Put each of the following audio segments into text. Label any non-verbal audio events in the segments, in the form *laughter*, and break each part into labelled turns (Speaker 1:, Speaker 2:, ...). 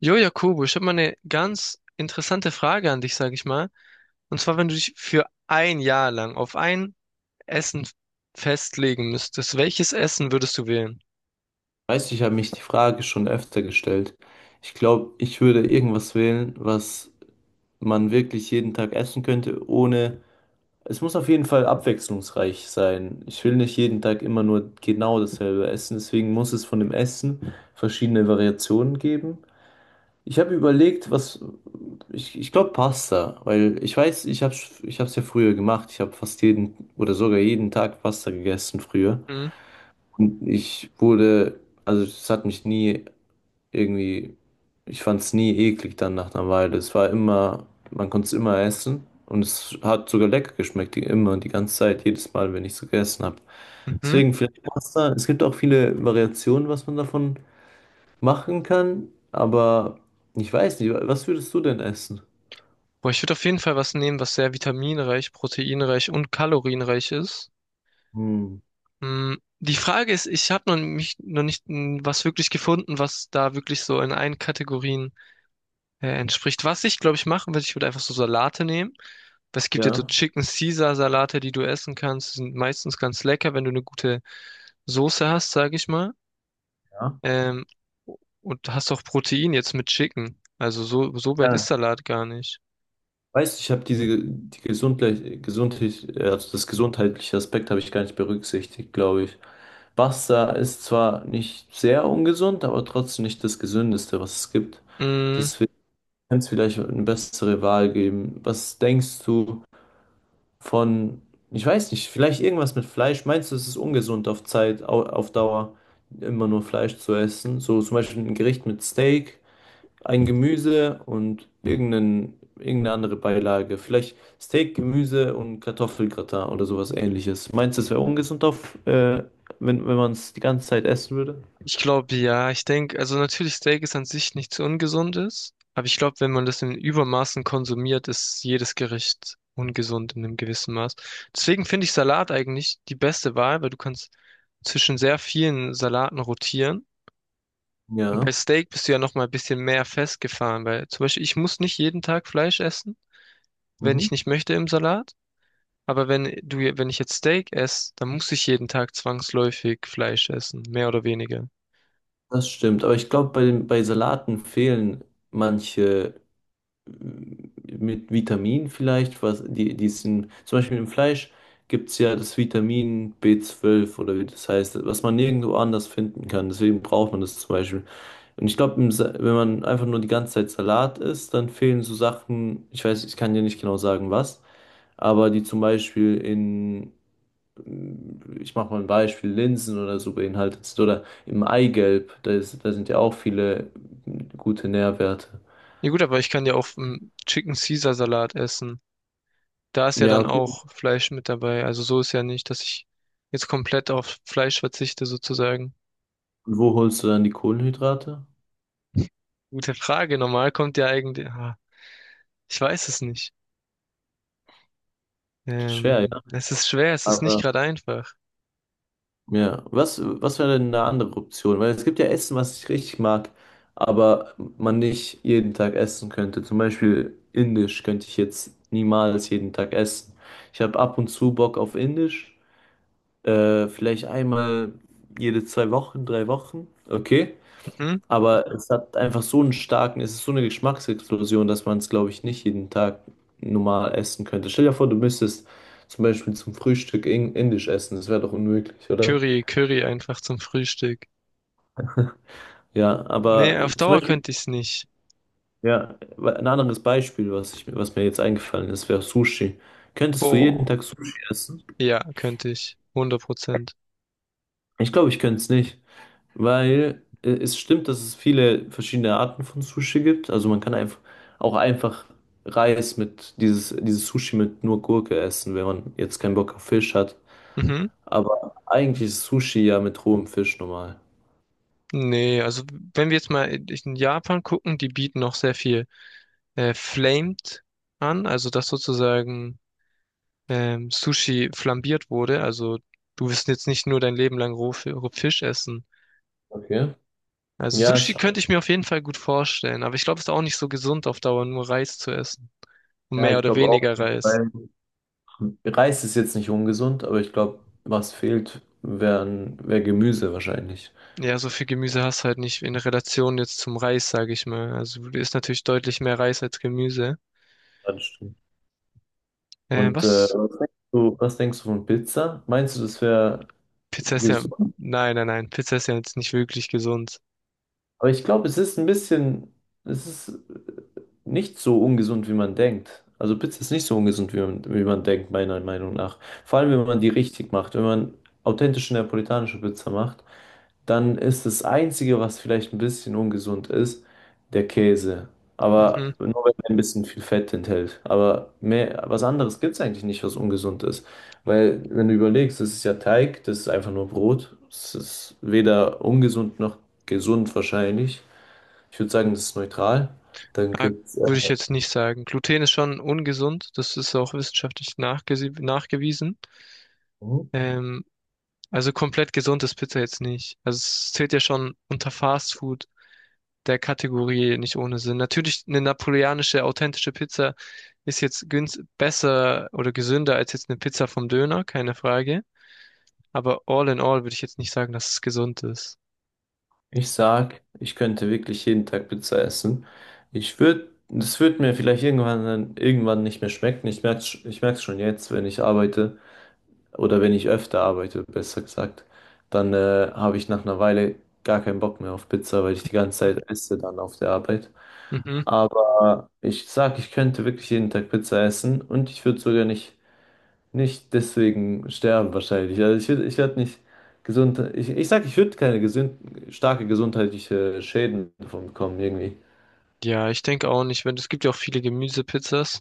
Speaker 1: Jo, Jakobo, ich habe mal eine ganz interessante Frage an dich, sage ich mal. Und zwar, wenn du dich für ein Jahr lang auf ein Essen festlegen müsstest, welches Essen würdest du wählen?
Speaker 2: Weißt du, ich habe mich die Frage schon öfter gestellt. Ich glaube, ich würde irgendwas wählen, was man wirklich jeden Tag essen könnte, ohne. Es muss auf jeden Fall abwechslungsreich sein. Ich will nicht jeden Tag immer nur genau dasselbe essen, deswegen muss es von dem Essen verschiedene Variationen geben. Ich habe überlegt, was. Ich glaube Pasta, weil ich weiß, ich habe es ja früher gemacht. Ich habe fast jeden oder sogar jeden Tag Pasta gegessen früher.
Speaker 1: Mhm.
Speaker 2: Und ich wurde, also es hat mich nie irgendwie, ich fand es nie eklig dann nach einer Weile. Es war immer, man konnte es immer essen und es hat sogar lecker geschmeckt, die, immer und die ganze Zeit, jedes Mal, wenn ich es gegessen habe.
Speaker 1: Mhm.
Speaker 2: Deswegen vielleicht Pasta. Es gibt auch viele Variationen, was man davon machen kann, aber ich weiß nicht, was würdest du denn essen?
Speaker 1: Boah, ich würde auf jeden Fall was nehmen, was sehr vitaminreich, proteinreich und kalorienreich ist.
Speaker 2: Hm,
Speaker 1: Die Frage ist, ich habe noch mich noch nicht mm, was wirklich gefunden, was da wirklich so in allen Kategorien entspricht. Was ich, glaube ich, machen würde, ich würde einfach so Salate nehmen. Weil es gibt ja so
Speaker 2: ja.
Speaker 1: Chicken Caesar Salate, die du essen kannst. Die sind meistens ganz lecker, wenn du eine gute Soße hast, sage ich mal. Ähm, und hast auch Protein jetzt mit Chicken. Also so, so weit ist
Speaker 2: Ja.
Speaker 1: Salat gar nicht.
Speaker 2: Weißt, ich habe diese die gesundlich, also das gesundheitliche Aspekt habe ich gar nicht berücksichtigt, glaube ich. Pasta ist zwar nicht sehr ungesund, aber trotzdem nicht das Gesündeste, was es gibt.
Speaker 1: Mm.
Speaker 2: Deswegen kann es vielleicht eine bessere Wahl geben. Was denkst du von, ich weiß nicht, vielleicht irgendwas mit Fleisch? Meinst du, es ist ungesund auf Zeit, auf Dauer immer nur Fleisch zu essen? So zum Beispiel ein Gericht mit Steak ein Gemüse und irgendeine andere Beilage. Vielleicht Steak, Gemüse und Kartoffelgratin oder sowas ähnliches. Meinst du, es wäre ungesund auf, wenn man es die ganze Zeit essen würde?
Speaker 1: Ich glaube, ja, ich denke, also natürlich Steak ist an sich nichts Ungesundes, aber ich glaube, wenn man das in Übermaßen konsumiert, ist jedes Gericht ungesund in einem gewissen Maß. Deswegen finde ich Salat eigentlich die beste Wahl, weil du kannst zwischen sehr vielen Salaten rotieren. Und bei
Speaker 2: Ja,
Speaker 1: Steak bist du ja noch mal ein bisschen mehr festgefahren, weil zum Beispiel ich muss nicht jeden Tag Fleisch essen, wenn
Speaker 2: mhm.
Speaker 1: ich nicht möchte im Salat. Aber wenn du, wenn ich jetzt Steak esse, dann muss ich jeden Tag zwangsläufig Fleisch essen, mehr oder weniger.
Speaker 2: Das stimmt. Aber ich glaube, bei Salaten fehlen manche m, mit Vitamin vielleicht, was die, die sind, zum Beispiel im Fleisch gibt es ja das Vitamin B12 oder wie das heißt, was man nirgendwo anders finden kann. Deswegen braucht man das zum Beispiel. Und ich glaube, wenn man einfach nur die ganze Zeit Salat isst, dann fehlen so Sachen, ich weiß, ich kann dir nicht genau sagen, was, aber die zum Beispiel in, ich mache mal ein Beispiel, Linsen oder so beinhaltet sind oder im Eigelb, da sind ja auch viele gute Nährwerte.
Speaker 1: Ja gut, aber ich kann ja auch einen Chicken Caesar Salat essen. Da ist ja
Speaker 2: Ja,
Speaker 1: dann
Speaker 2: okay.
Speaker 1: auch Fleisch mit dabei. Also so ist ja nicht, dass ich jetzt komplett auf Fleisch verzichte sozusagen.
Speaker 2: Und wo holst du dann die Kohlenhydrate?
Speaker 1: Gute Frage. Normal kommt ja eigentlich. Ich weiß es nicht.
Speaker 2: Schwer, ja.
Speaker 1: Es ist schwer, es ist nicht
Speaker 2: Aber
Speaker 1: gerade einfach.
Speaker 2: ja, was wäre denn eine andere Option? Weil es gibt ja Essen, was ich richtig mag, aber man nicht jeden Tag essen könnte. Zum Beispiel Indisch könnte ich jetzt niemals jeden Tag essen. Ich habe ab und zu Bock auf Indisch, vielleicht einmal jede zwei Wochen, drei Wochen, okay.
Speaker 1: Mhm.
Speaker 2: Aber es hat einfach so einen starken, es ist so eine Geschmacksexplosion, dass man es, glaube ich, nicht jeden Tag normal essen könnte. Stell dir vor, du müsstest zum Beispiel zum Frühstück Indisch essen, das wäre doch unmöglich, oder?
Speaker 1: Curry, Curry einfach zum Frühstück.
Speaker 2: Ja,
Speaker 1: Nee,
Speaker 2: aber
Speaker 1: auf
Speaker 2: zum
Speaker 1: Dauer
Speaker 2: Beispiel,
Speaker 1: könnte ich's nicht.
Speaker 2: ja, ein anderes Beispiel, was mir jetzt eingefallen ist, wäre Sushi. Könntest du jeden
Speaker 1: Boah.
Speaker 2: Tag Sushi essen?
Speaker 1: Ja, könnte ich. 100%.
Speaker 2: Ich glaube, ich könnte es nicht, weil es stimmt, dass es viele verschiedene Arten von Sushi gibt. Also man kann einfach auch einfach Reis mit dieses Sushi mit nur Gurke essen, wenn man jetzt keinen Bock auf Fisch hat.
Speaker 1: Mhm.
Speaker 2: Aber eigentlich ist Sushi ja mit rohem Fisch normal.
Speaker 1: Nee, also wenn wir jetzt mal in Japan gucken, die bieten noch sehr viel. Flamed an, also dass sozusagen Sushi flambiert wurde. Also du wirst jetzt nicht nur dein Leben lang roh Fisch essen.
Speaker 2: Okay.
Speaker 1: Also
Speaker 2: Ja,
Speaker 1: Sushi könnte ich mir auf jeden Fall gut vorstellen, aber ich glaube, es ist auch nicht so gesund auf Dauer, nur Reis zu essen. Und
Speaker 2: ja,
Speaker 1: mehr
Speaker 2: ich
Speaker 1: oder
Speaker 2: glaube auch,
Speaker 1: weniger Reis.
Speaker 2: weil Reis ist jetzt nicht ungesund, aber ich glaube, was fehlt, wär Gemüse wahrscheinlich.
Speaker 1: Ja, so viel Gemüse hast du halt nicht in Relation jetzt zum Reis, sage ich mal. Also du isst natürlich deutlich mehr Reis als Gemüse.
Speaker 2: Ja, das stimmt. Und
Speaker 1: Was?
Speaker 2: was denkst du von Pizza? Meinst du, das wäre
Speaker 1: Pizza ist ja.
Speaker 2: gesund?
Speaker 1: Nein, nein, nein. Pizza ist ja jetzt nicht wirklich gesund.
Speaker 2: Aber ich glaube, es ist ein bisschen, es ist nicht so ungesund, wie man denkt. Also Pizza ist nicht so ungesund, wie man denkt, meiner Meinung nach. Vor allem, wenn man die richtig macht. Wenn man authentische neapolitanische Pizza macht, dann ist das Einzige, was vielleicht ein bisschen ungesund ist, der Käse. Aber
Speaker 1: Mhm.
Speaker 2: nur wenn er ein bisschen viel Fett enthält. Aber mehr, was anderes gibt es eigentlich nicht, was ungesund ist. Weil, wenn du überlegst, das ist ja Teig, das ist einfach nur Brot. Es ist weder ungesund noch gesund wahrscheinlich. Ich würde sagen, das ist neutral. Dann
Speaker 1: Ah,
Speaker 2: gibt's,
Speaker 1: würde ich jetzt nicht sagen. Gluten ist schon ungesund, das ist auch wissenschaftlich nachgewiesen.
Speaker 2: mhm.
Speaker 1: Ähm, also komplett gesund ist Pizza jetzt nicht. Also es zählt ja schon unter Fast Food der Kategorie nicht ohne Sinn. Natürlich eine napoleonische, authentische Pizza ist jetzt günst besser oder gesünder als jetzt eine Pizza vom Döner, keine Frage. Aber all in all würde ich jetzt nicht sagen, dass es gesund ist.
Speaker 2: Ich sag, ich könnte wirklich jeden Tag Pizza essen. Ich würde, das wird mir vielleicht irgendwann dann irgendwann nicht mehr schmecken. Ich merk's schon jetzt, wenn ich arbeite oder wenn ich öfter arbeite, besser gesagt, dann habe ich nach einer Weile gar keinen Bock mehr auf Pizza, weil ich die ganze Zeit esse dann auf der Arbeit.
Speaker 1: Mhm.
Speaker 2: Aber ich sag, ich könnte wirklich jeden Tag Pizza essen und ich würde sogar nicht deswegen sterben wahrscheinlich. Also ich würde, ich werde nicht gesund. Ich sag, ich würde keine gesund, starke gesundheitliche Schäden davon bekommen, irgendwie.
Speaker 1: Ja, ich denke auch nicht, wenn es gibt ja auch viele Gemüsepizzas,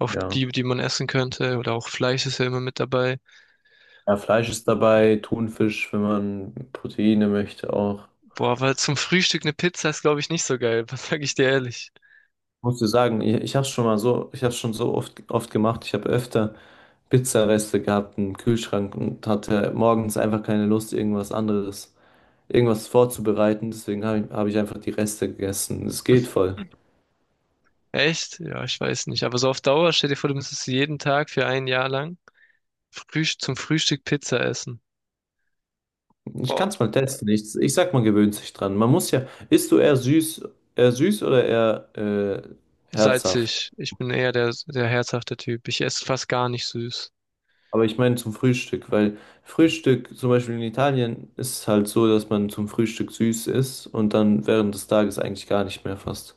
Speaker 1: auf
Speaker 2: Ja.
Speaker 1: die, die man essen könnte. Oder auch Fleisch ist ja immer mit dabei.
Speaker 2: Ja, Fleisch ist dabei, Thunfisch, wenn man Proteine möchte auch.
Speaker 1: Boah, aber zum Frühstück eine Pizza ist, glaube ich, nicht so geil. *laughs* Was sag ich dir ehrlich?
Speaker 2: Muss ich sagen, ich habe es schon mal so, ich habe schon so oft, oft gemacht. Ich habe öfter Pizzareste gehabt im Kühlschrank und hatte morgens einfach keine Lust, irgendwas anderes, irgendwas vorzubereiten. Deswegen hab ich einfach die Reste gegessen. Es geht
Speaker 1: Hm,
Speaker 2: voll.
Speaker 1: echt? Ja, ich weiß nicht. Aber so auf Dauer, stell dir vor, du müsstest jeden Tag für ein Jahr lang Frühst zum Frühstück Pizza essen.
Speaker 2: Ich kann
Speaker 1: Boah,
Speaker 2: es mal testen. Ich sag, man gewöhnt sich dran. Man muss ja, isst du eher süß oder eher herzhaft?
Speaker 1: salzig. Ich bin eher der, der herzhafte Typ. Ich esse fast gar nicht süß.
Speaker 2: Aber ich meine zum Frühstück, weil Frühstück, zum Beispiel in Italien, ist es halt so, dass man zum Frühstück süß isst und dann während des Tages eigentlich gar nicht mehr fast.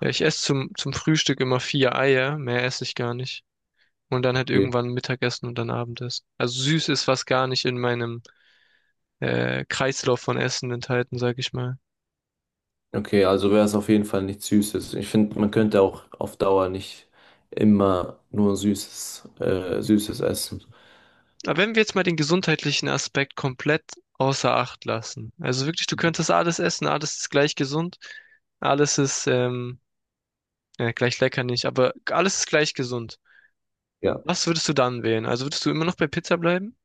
Speaker 1: Ja, ich esse zum Frühstück immer vier Eier. Mehr esse ich gar nicht. Und dann halt
Speaker 2: Okay.
Speaker 1: irgendwann Mittagessen und dann Abendessen. Also süß ist fast gar nicht in meinem Kreislauf von Essen enthalten, sag ich mal.
Speaker 2: Okay, also wäre es auf jeden Fall nichts Süßes. Ich finde, man könnte auch auf Dauer nicht immer nur Süßes, Süßes essen.
Speaker 1: Aber wenn wir jetzt mal den gesundheitlichen Aspekt komplett außer Acht lassen, also wirklich, du könntest alles essen, alles ist gleich gesund, alles ist ja, gleich lecker nicht, aber alles ist gleich gesund.
Speaker 2: Ja.
Speaker 1: Was würdest du dann wählen? Also würdest du immer noch bei Pizza bleiben?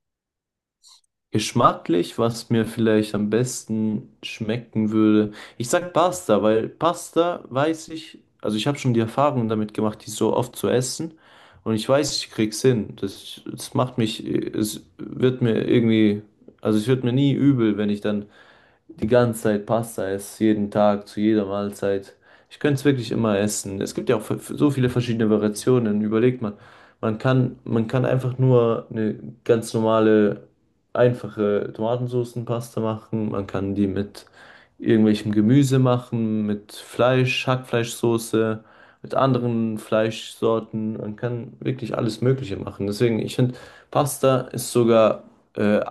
Speaker 2: Geschmacklich, was mir vielleicht am besten schmecken würde. Ich sag Pasta, weil Pasta weiß ich, also ich habe schon die Erfahrung damit gemacht, die so oft zu essen. Und ich weiß, ich krieg's hin. Das macht mich, es wird mir irgendwie, also es wird mir nie übel, wenn ich dann die ganze Zeit Pasta esse, jeden Tag, zu jeder Mahlzeit. Ich könnte es wirklich immer essen. Es gibt ja auch so viele verschiedene Variationen. Überlegt man, man kann einfach nur eine ganz normale, einfache Tomatensoßenpasta machen. Man kann die mit irgendwelchem Gemüse machen, mit Fleisch, Hackfleischsoße, mit anderen Fleischsorten. Man kann wirklich alles Mögliche machen. Deswegen, ich finde, Pasta ist sogar, äh,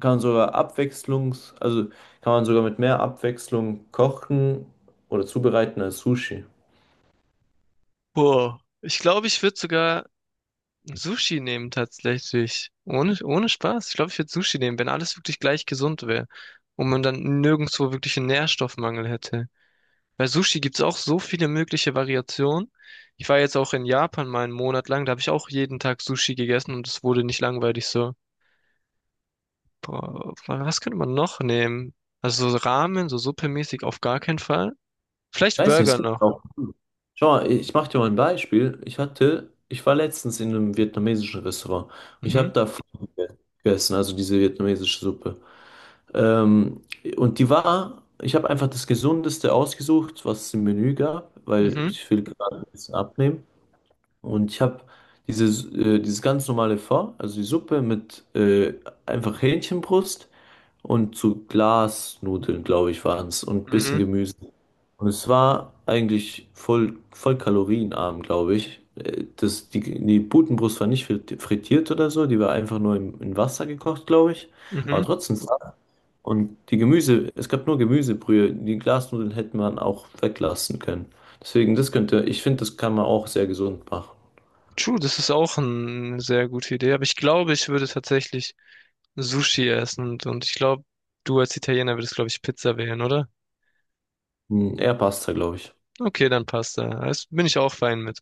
Speaker 2: kann sogar abwechslungs, also kann man sogar mit mehr Abwechslung kochen oder zubereiten als Sushi.
Speaker 1: Boah, ich glaube, ich würde sogar Sushi nehmen tatsächlich. Ohne, ohne Spaß. Ich glaube, ich würde Sushi nehmen, wenn alles wirklich gleich gesund wäre und man dann nirgendwo wirklich einen Nährstoffmangel hätte. Bei Sushi gibt's auch so viele mögliche Variationen. Ich war jetzt auch in Japan mal einen Monat lang, da habe ich auch jeden Tag Sushi gegessen und es wurde nicht langweilig so. Boah, was könnte man noch nehmen? Also so Ramen, so suppemäßig auf gar keinen Fall.
Speaker 2: Ich
Speaker 1: Vielleicht
Speaker 2: weiß nicht, es
Speaker 1: Burger
Speaker 2: gibt
Speaker 1: noch.
Speaker 2: auch. Schau mal, ich mache dir mal ein Beispiel. Ich war letztens in einem vietnamesischen Restaurant. Ich habe
Speaker 1: Mhm,
Speaker 2: da Pho gegessen, also diese vietnamesische Suppe. Ähm, und die war, ich habe einfach das Gesundeste ausgesucht, was es im Menü gab, weil
Speaker 1: mhm,
Speaker 2: ich will gerade ein bisschen abnehmen. Und ich habe dieses, dieses ganz normale Pho, also die Suppe mit einfach Hähnchenbrust und zu Glasnudeln, glaube ich, waren es und
Speaker 1: mhm,
Speaker 2: bisschen Gemüse. Und es war eigentlich voll, voll kalorienarm, glaube ich. Das, die Putenbrust war nicht frittiert oder so, die war einfach nur in Wasser gekocht, glaube ich. Aber
Speaker 1: mhm.
Speaker 2: trotzdem. Und die Gemüse, es gab nur Gemüsebrühe. Die Glasnudeln hätte man auch weglassen können. Deswegen, das könnte, ich finde, das kann man auch sehr gesund machen.
Speaker 1: True, das ist auch eine sehr gute Idee, aber ich glaube, ich würde tatsächlich Sushi essen und ich glaube, du als Italiener würdest, glaube ich, Pizza wählen, oder?
Speaker 2: Hm, er passt da, glaube ich.
Speaker 1: Okay, dann passt da. Das bin ich auch fein mit.